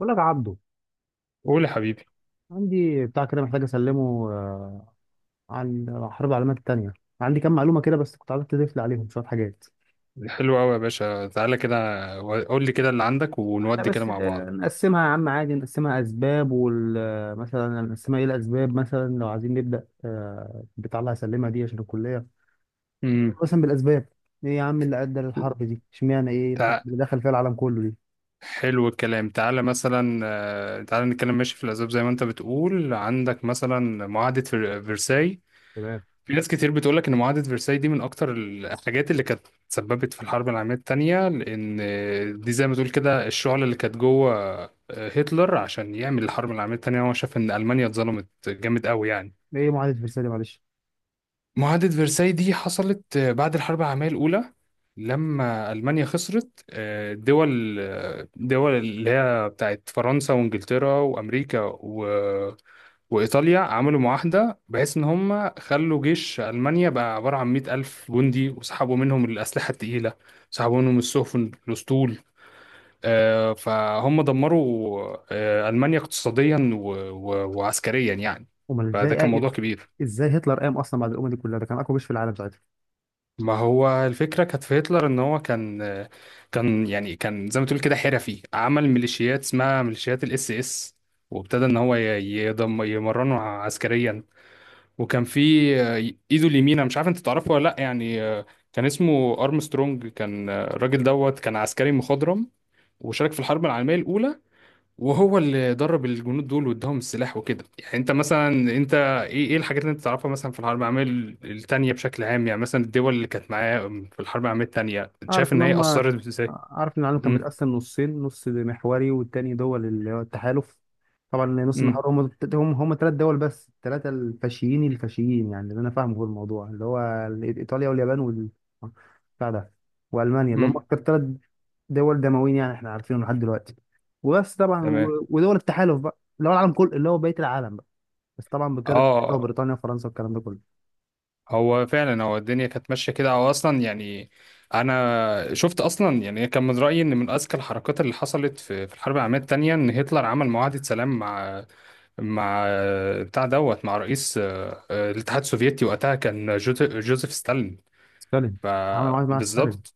بقول لك يا عبده، قول يا حبيبي. عندي بتاع كده محتاج اسلمه، عن حرب العالمية التانية. عندي كام معلومة كده بس كنت عايزك تضيف لي عليهم شوية حاجات. حلو قوي يا باشا، تعالى كده قول لي كده اللي عندك احنا ونودي كده بس مع بعض. نقسمها يا عم، عادي نقسمها اسباب وال آه، مثلا نقسمها، ايه الاسباب؟ مثلا لو عايزين نبدا، بتاع اللي هسلمها دي عشان الكليه، امم مثلا بالاسباب. ايه يا عم اللي ادى للحرب دي؟ اشمعنى ايه الحرب تع... اللي دخل فيها العالم كله دي؟ حلو الكلام، تعالى مثلا تعالى نتكلم ماشي في الأسباب زي ما أنت بتقول، عندك مثلا معاهدة فرساي. تمام. في ناس كتير بتقولك إن معاهدة فرساي دي من أكتر الحاجات اللي كانت سببت في الحرب العالمية التانية، لأن دي زي ما تقول كده الشعلة اللي كانت جوه. هتلر عشان يعمل الحرب العالمية التانية هو شاف إن ألمانيا اتظلمت جامد قوي يعني. ايه معاهده فرساي دي، معلش؟ معاهدة فرساي دي حصلت بعد الحرب العالمية الأولى لما ألمانيا خسرت. دول اللي هي بتاعت فرنسا وإنجلترا وأمريكا وإيطاليا عملوا معاهدة بحيث إن هم خلوا جيش ألمانيا بقى عبارة عن 100,000 جندي، وسحبوا منهم الأسلحة التقيلة، سحبوا منهم السفن الأسطول. فهم دمروا ألمانيا اقتصاديا وعسكريا يعني. امال فده ازاي، كان موضوع كبير. ازاي هتلر قام اصلا بعد الامم دي كلها؟ ده كان اقوى جيش في العالم. ما هو الفكرة كانت في هتلر ان هو كان يعني، كان زي ما تقول كده حرفي عمل ميليشيات اسمها ميليشيات الاس اس، وابتدى ان يضم يمرنه عسكريا. وكان في ايده اليمين، أنا مش عارف انت تعرفه ولا لا يعني، كان اسمه ارمسترونج، كان الراجل دوت كان عسكري مخضرم وشارك في الحرب العالمية الاولى، وهو اللي درب الجنود دول واداهم السلاح وكده يعني. انت مثلا انت ايه الحاجات اللي انت تعرفها مثلا في الحرب العالميه الثانيه بشكل عام يعني؟ مثلا الدول اللي كانت معاه في الحرب العالميه الثانيه، شايف اعرف ان ان هي هم، اثرت ازاي؟ اعرف ان العالم كان امم متقسم نصين، نص محوري والتاني دول اللي هو التحالف. طبعا نص امم محوري هم ثلاث دول بس، الثلاثه الفاشيين الفاشيين، يعني اللي انا فاهمه في الموضوع اللي هو ايطاليا واليابان وال بتاع ده، والمانيا، اللي هم امم اكتر ثلاث دول دمويين يعني، احنا عارفينهم لحد دلوقتي وبس. طبعا تمام. ودول التحالف بقى اللي هو العالم كله، اللي هو بقيه العالم بقى، بس طبعا بقياده أمريكا اه، وبريطانيا وفرنسا والكلام ده كله. هو فعلا هو الدنيا كانت ماشيه كده، هو اصلا يعني شفت اصلا يعني، كان من رايي ان من اذكى الحركات اللي حصلت في الحرب العالميه الثانيه ان هتلر عمل معاهده سلام مع مع بتاع دوت مع رئيس الاتحاد السوفيتي، وقتها كان جوزيف ستالين. سالم. عملوا معاك مع سالم. فبالظبط.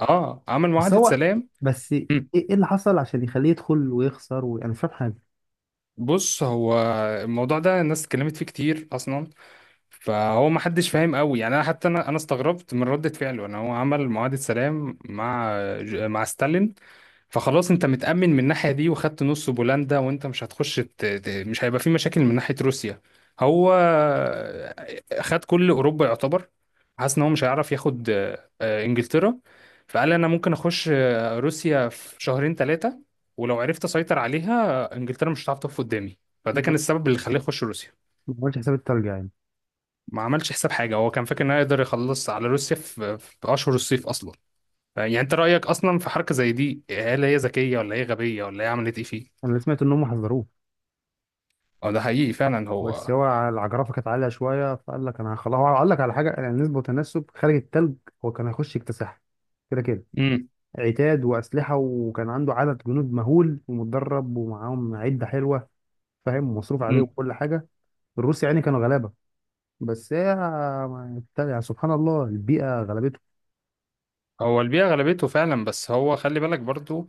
اه، عمل بس معاهدة هو، سلام. بس ايه، مم. إيه اللي حصل عشان يخليه يدخل ويخسر؟ وانا مش فاهم حاجه. بص، هو الموضوع ده الناس اتكلمت فيه كتير اصلا، فهو ما حدش فاهم قوي يعني. انا حتى انا استغربت من ردة فعله ان هو عمل معاهدة سلام مع مع ستالين. فخلاص انت متأمن من الناحية دي وخدت نص بولندا، وانت مش مش هيبقى في مشاكل من ناحية روسيا. هو خد كل أوروبا يعتبر، حاسس ان هو مش هيعرف ياخد انجلترا، فقال انا ممكن اخش روسيا في شهرين ثلاثة، ولو عرفت اسيطر عليها انجلترا مش هتعرف تقف قدامي. فده ما كان السبب اللي خلاه يخش روسيا. ما عملش حساب الترجع يعني. ما عملش حساب حاجة، هو كان فاكر انه يقدر يخلص على روسيا في اشهر الصيف اصلا. يعني انت رأيك اصلا في حركة زي دي، هل هي ذكية ولا هي غبية ولا هي عملت ايه فيه؟ انا اللي سمعت ان هم حذروه، اه، ده حقيقي فعلا. بس هو هو العجرفه كانت عاليه شويه، فقال لك انا خلاص. هو قال لك على حاجه يعني نسبه وتناسب خارج التلج. هو كان هيخش يكتسحها كده كده. امم عتاد واسلحه، وكان عنده عدد جنود مهول ومتدرب، ومعاهم عده حلوه فاهم، ومصروف عليه امم وكل حاجه. الروس يعني كانوا غلابه. بس هي، يعني سبحان الله البيئه غلبته. هو البيئة غلبته فعلا، بس هو خلي بالك برضو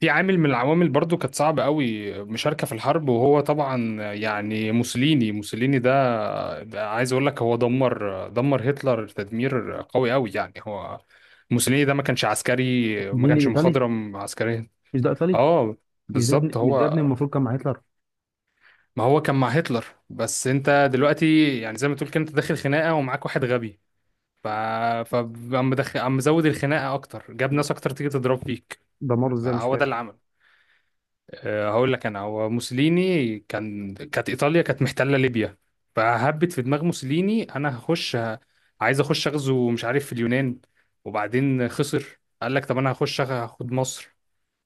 في عامل من العوامل برضو كانت صعبة قوي مشاركة في الحرب. وهو طبعا يعني، موسوليني ده, ده عايز اقول لك هو دمر هتلر تدمير قوي قوي يعني. هو موسوليني ده ما كانش عسكري، ما مين كانش الايطالي؟ مخضرم عسكريا. مش ده ايطالي؟ اه، مش ده ابن، بالظبط، مش ده ابن هو المفروض كان مع هتلر؟ ما هو كان مع هتلر، بس انت دلوقتي يعني زي ما تقول كده انت داخل خناقة ومعاك واحد غبي، ف فعم مدخل عم مزود الخناقه اكتر، جاب ناس اكتر تيجي تضرب فيك. دمره ازاي، مش هو ده فاكر؟ اللي عمل. أه هقول لك انا، هو موسوليني كان، كانت ايطاليا كانت محتله ليبيا، فهبت في دماغ موسوليني انا عايز اخش اغزو مش عارف في اليونان. وبعدين خسر، قال لك طب انا هاخد مصر.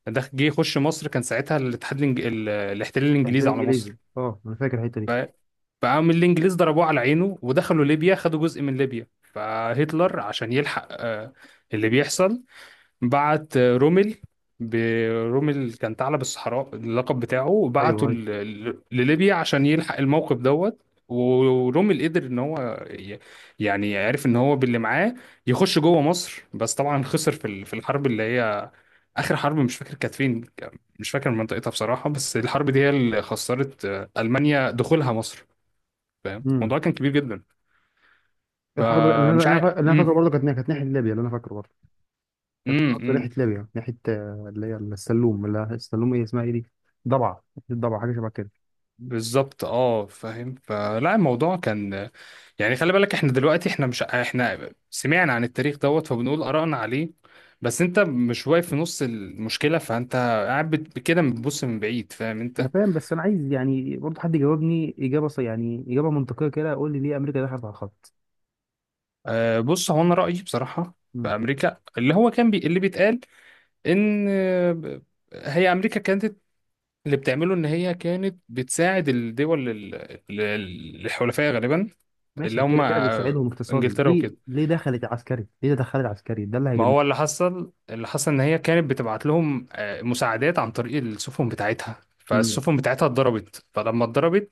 ده جه يخش مصر كان ساعتها الاحتلال تحت الانجليزي على مصر. انجليزي، اه انا فاكر الحته ف... دي. فقام الانجليز ضربوه على عينه ودخلوا ليبيا، خدوا جزء من ليبيا. فهتلر عشان يلحق اللي بيحصل بعت رومل. برومل كان ثعلب الصحراء اللقب بتاعه، ايوه بعته ايوه. لليبيا عشان يلحق الموقف دوت. ورومل قدر ان يعني عرف ان هو باللي معاه يخش جوه مصر، بس طبعا خسر في في الحرب اللي هي اخر حرب مش فاكر كانت فين، مش فاكر منطقتها بصراحة. بس الحرب دي هي اللي خسرت المانيا دخولها مصر. فاهم، امم. الموضوع كان كبير جدا. الحرب اللي انا فمش عارف. اللي أنا فاكره برضه كانت كانت ناحيه ليبيا، اللي انا فاكره برضه كانت امم، برضه امم. ناحيه ليبيا، ناحيه، اللي هي السلوم، السلوم، ايه اسمها ايه دي؟ ضبعه، ناحية ضبعه، حاجه شبه كده. بالظبط، اه فاهم. فلا الموضوع كان يعني، خلي بالك احنا دلوقتي احنا مش احنا سمعنا عن التاريخ دوت فبنقول آرائنا عليه، بس انت مش واقف في نص المشكلة، فانت قاعد كده بتبص من بعيد فاهم انا انت. فاهم، بس انا عايز يعني برضه حد يجاوبني اجابه، يعني اجابه منطقيه كده، يقول لي ليه امريكا دخلت على الخط؟ آه، بص، هو انا رأيي بصراحة في امم. امريكا، اللي هو كان بي اللي بيتقال ان هي امريكا كانت اللي بتعمله ان هي كانت بتساعد ال- الحلفاء غالبا، اللي ماشي، هم كده كده بتساعدهم اقتصادي، انجلترا ليه؟ وكده. ليه دخلت عسكري؟ ليه دخلت عسكري؟ ده اللي ما هيجنني. هو اللي حصل، اللي حصل ان هي كانت بتبعت لهم مساعدات عن طريق السفن بتاعتها، امم. فالسفن بتاعتها اتضربت، فلما اتضربت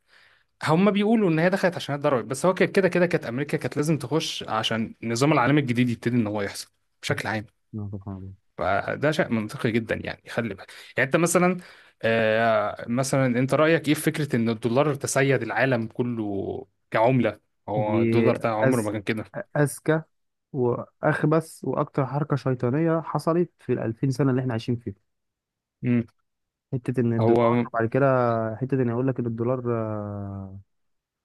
هم بيقولوا ان هي دخلت عشان هي اتضربت. بس هو كده كانت امريكا كانت لازم تخش عشان النظام العالمي الجديد يبتدي ان هو يحصل بشكل عام. سبحان الله. فده شيء منطقي جدا يعني، خلي بالك. يعني انت مثلا، مثلا انت رايك ايه في فكره ان الدولار تسيد العالم كله كعمله؟ هو دي الدولار ده عمره ما أز... كان كده. أذكى وأخبث وأكتر حركة شيطانية حصلت في 2000 سنة اللي إحنا عايشين فيها. مم. حتة إن الدولار هو. وبعد كده، حتة إن يقول لك إن الدولار،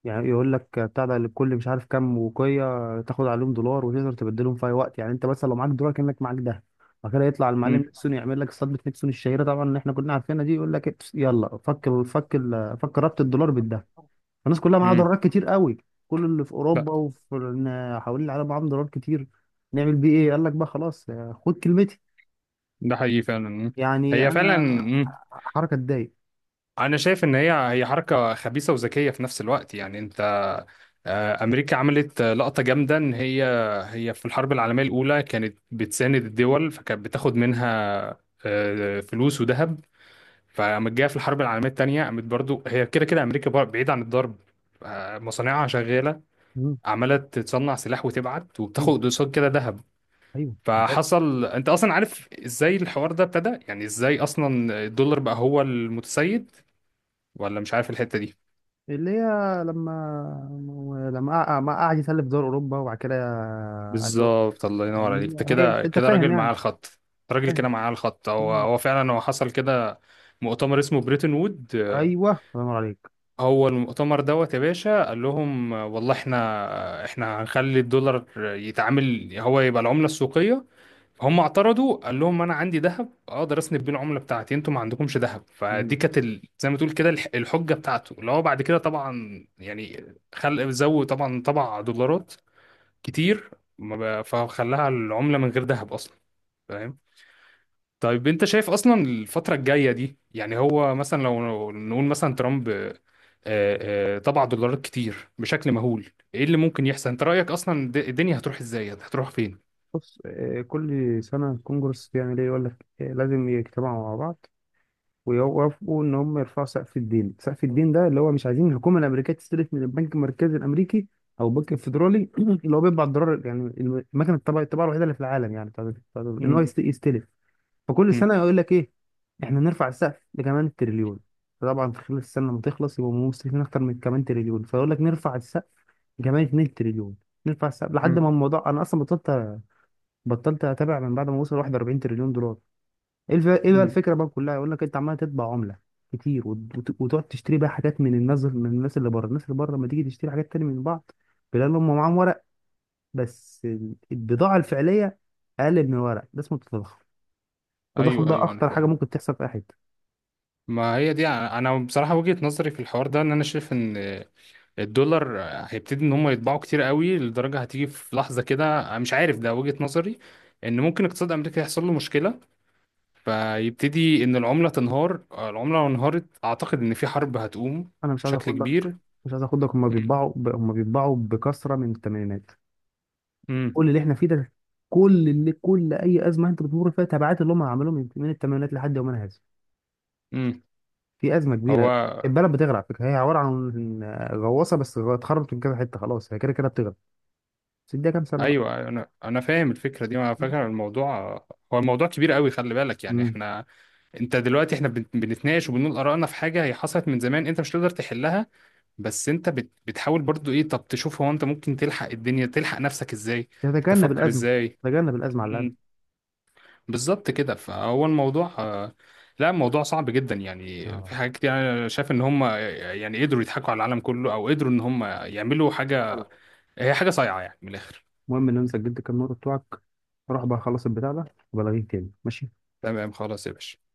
يعني يقول لك بتاع ده، لكل مش عارف كام وقية تاخد عليهم دولار، وتقدر تبدلهم في أي وقت. يعني أنت مثلا لو معاك دولار كأنك معاك ده. بعد كده يطلع المعلم مم. نيكسون يعمل لك صدمة نيكسون الشهيرة طبعا اللي إحنا كلنا عارفينها دي، يقول لك إيه، يلا فك فك ربط الدولار بالذهب. الناس كلها معاها مم. دولارات كتير قوي. كل اللي في اوروبا وفي حوالين العالم معاهم دولارات كتير. نعمل بيه ايه؟ قال لك بقى خلاص، خد كلمتي. ده حقيقي فعلا. مم. يعني هي فعلا. انا مم. حركه تضايق. انا شايف ان هي حركه خبيثه وذكيه في نفس الوقت يعني. انت امريكا عملت لقطه جامده، ان هي هي في الحرب العالميه الاولى كانت بتساند الدول فكانت بتاخد منها فلوس وذهب. فقامت جايه في الحرب العالميه الثانيه قامت برضو، هي كده كده امريكا بعيد عن الضرب. مصانعها شغاله مم. عماله تصنع سلاح وتبعت ايوه وبتاخد قصاد كده ذهب. ايوه فحصل، انت اصلا عارف ازاي الحوار ده ابتدى يعني، ازاي اصلا الدولار بقى هو المتسيد؟ ولا مش عارف الحتة دي؟ اللي هي، لما، ما قعد يسلف دول اوروبا وبعد كده قال له، بالظبط، الله ينور عليك، يعني انت هي انت، كده أنت كده فاهم راجل يعني، معاه الخط. أنت راجل كده فاهم. معاه الخط، هو مم. هو فعلا هو حصل كده. مؤتمر اسمه بريتن وود ايوه الله ينور عليك. هو المؤتمر دوت يا باشا قال لهم والله احنا هنخلي الدولار يتعامل هو يبقى العملة السوقية. هم اعترضوا، قال لهم انا عندي ذهب اقدر اسند بيه العمله بتاعتي، انتوا ما عندكمش ذهب. فدي مم. كانت زي ما تقول كده الحجه بتاعته، اللي هو بعد كده طبعا يعني خلق زود، طبعا طبع دولارات كتير. ما فخلاها العمله من غير ذهب اصلا. فاهم؟ طيب انت شايف اصلا الفتره الجايه دي، يعني هو مثلا لو نقول مثلا ترامب طبع دولارات كتير بشكل مهول، ايه اللي ممكن يحصل؟ انت رايك اصلا الدنيا هتروح ازاي، هتروح فين؟ بص، كل سنه الكونجرس بيعمل ايه؟ يقول لك، لازم يجتمعوا مع بعض ويوافقوا ان هم يرفعوا سقف الدين. سقف الدين ده اللي هو مش عايزين الحكومه الامريكيه تستلف من البنك المركزي الامريكي او البنك الفيدرالي اللي هو بيطبع الدولار، يعني المكنه الطبع الطباعه الوحيده اللي في العالم، يعني ان هو مم. يستلف. فكل مم. سنه يقول لك ايه، احنا نرفع السقف لكمان تريليون. فطبعا في خلال السنه لما تخلص يبقوا مستلفين اكتر من كمان تريليون، فيقول لك نرفع السقف لكمان 2 تريليون، نرفع السقف لحد ما الموضوع انا اصلا بطلت، بطلت اتابع من بعد ما وصل 41 تريليون دولار. إيه بقى مم. الفكره بقى كلها؟ يقول لك انت عمال تطبع عمله كتير، وتقعد تشتري بقى حاجات من الناس، من الناس اللي بره. الناس اللي بره لما تيجي تشتري حاجات تاني من بعض، بيلاقي إن هم معاهم ورق، بس البضاعه الفعليه اقل من الورق. ده اسمه التضخم. التضخم ايوه ده ايوه انا اخطر حاجه فاهم. ممكن تحصل في اي حته. ما هي دي، أنا بصراحه وجهه نظري في الحوار ده ان انا شايف ان الدولار هيبتدي ان هم يطبعوا كتير قوي، لدرجه هتيجي في لحظه كده، أنا مش عارف، ده وجهه نظري، ان ممكن اقتصاد امريكا يحصل له مشكله فيبتدي ان العمله تنهار. العمله لو انهارت اعتقد ان في حرب هتقوم انا مش عايز بشكل اخدك، كبير. مش عايز اخدك. هم هم بيطبعوا بكثره من الثمانينات. امم كل اللي احنا فيه ده، كل اللي، كل اي ازمه انت بتمر فيها تبعات اللي هم عملوهم من الثمانينات لحد يومنا هذا. امم في ازمه كبيره. هو البلد بتغرق على فكره، هي عباره عن غواصه بس اتخربت من كذا حته، خلاص هي كده كده بتغرق، بس اديها كام سنه بقى. ايوه انا فاهم الفكره دي. على فكره الموضوع، هو الموضوع كبير قوي خلي بالك يعني، امم. احنا انت دلوقتي بنتناقش وبنقول ارائنا في حاجه هي حصلت من زمان انت مش تقدر تحلها، بس انت بتحاول برضو ايه. طب تشوف هو انت ممكن تلحق الدنيا، تلحق نفسك ازاي، تتجنب تفكر الازمه، ازاي. تتجنب الازمه على الاقل. امم بالظبط كده. فهو الموضوع لا الموضوع صعب جدا يعني، في آه. حاجات كتير انا شايف ان هم يعني قدروا يضحكوا على العالم كله، او قدروا ان هم يعملوا حاجه فعلا. هي حاجه صايعه يعني من الاخر. المهم ان انا سجلت كام نقطه بتوعك، روح بقى خلص البتاع ده وبلغيك تاني، ماشي. تمام، خلاص يا باشا.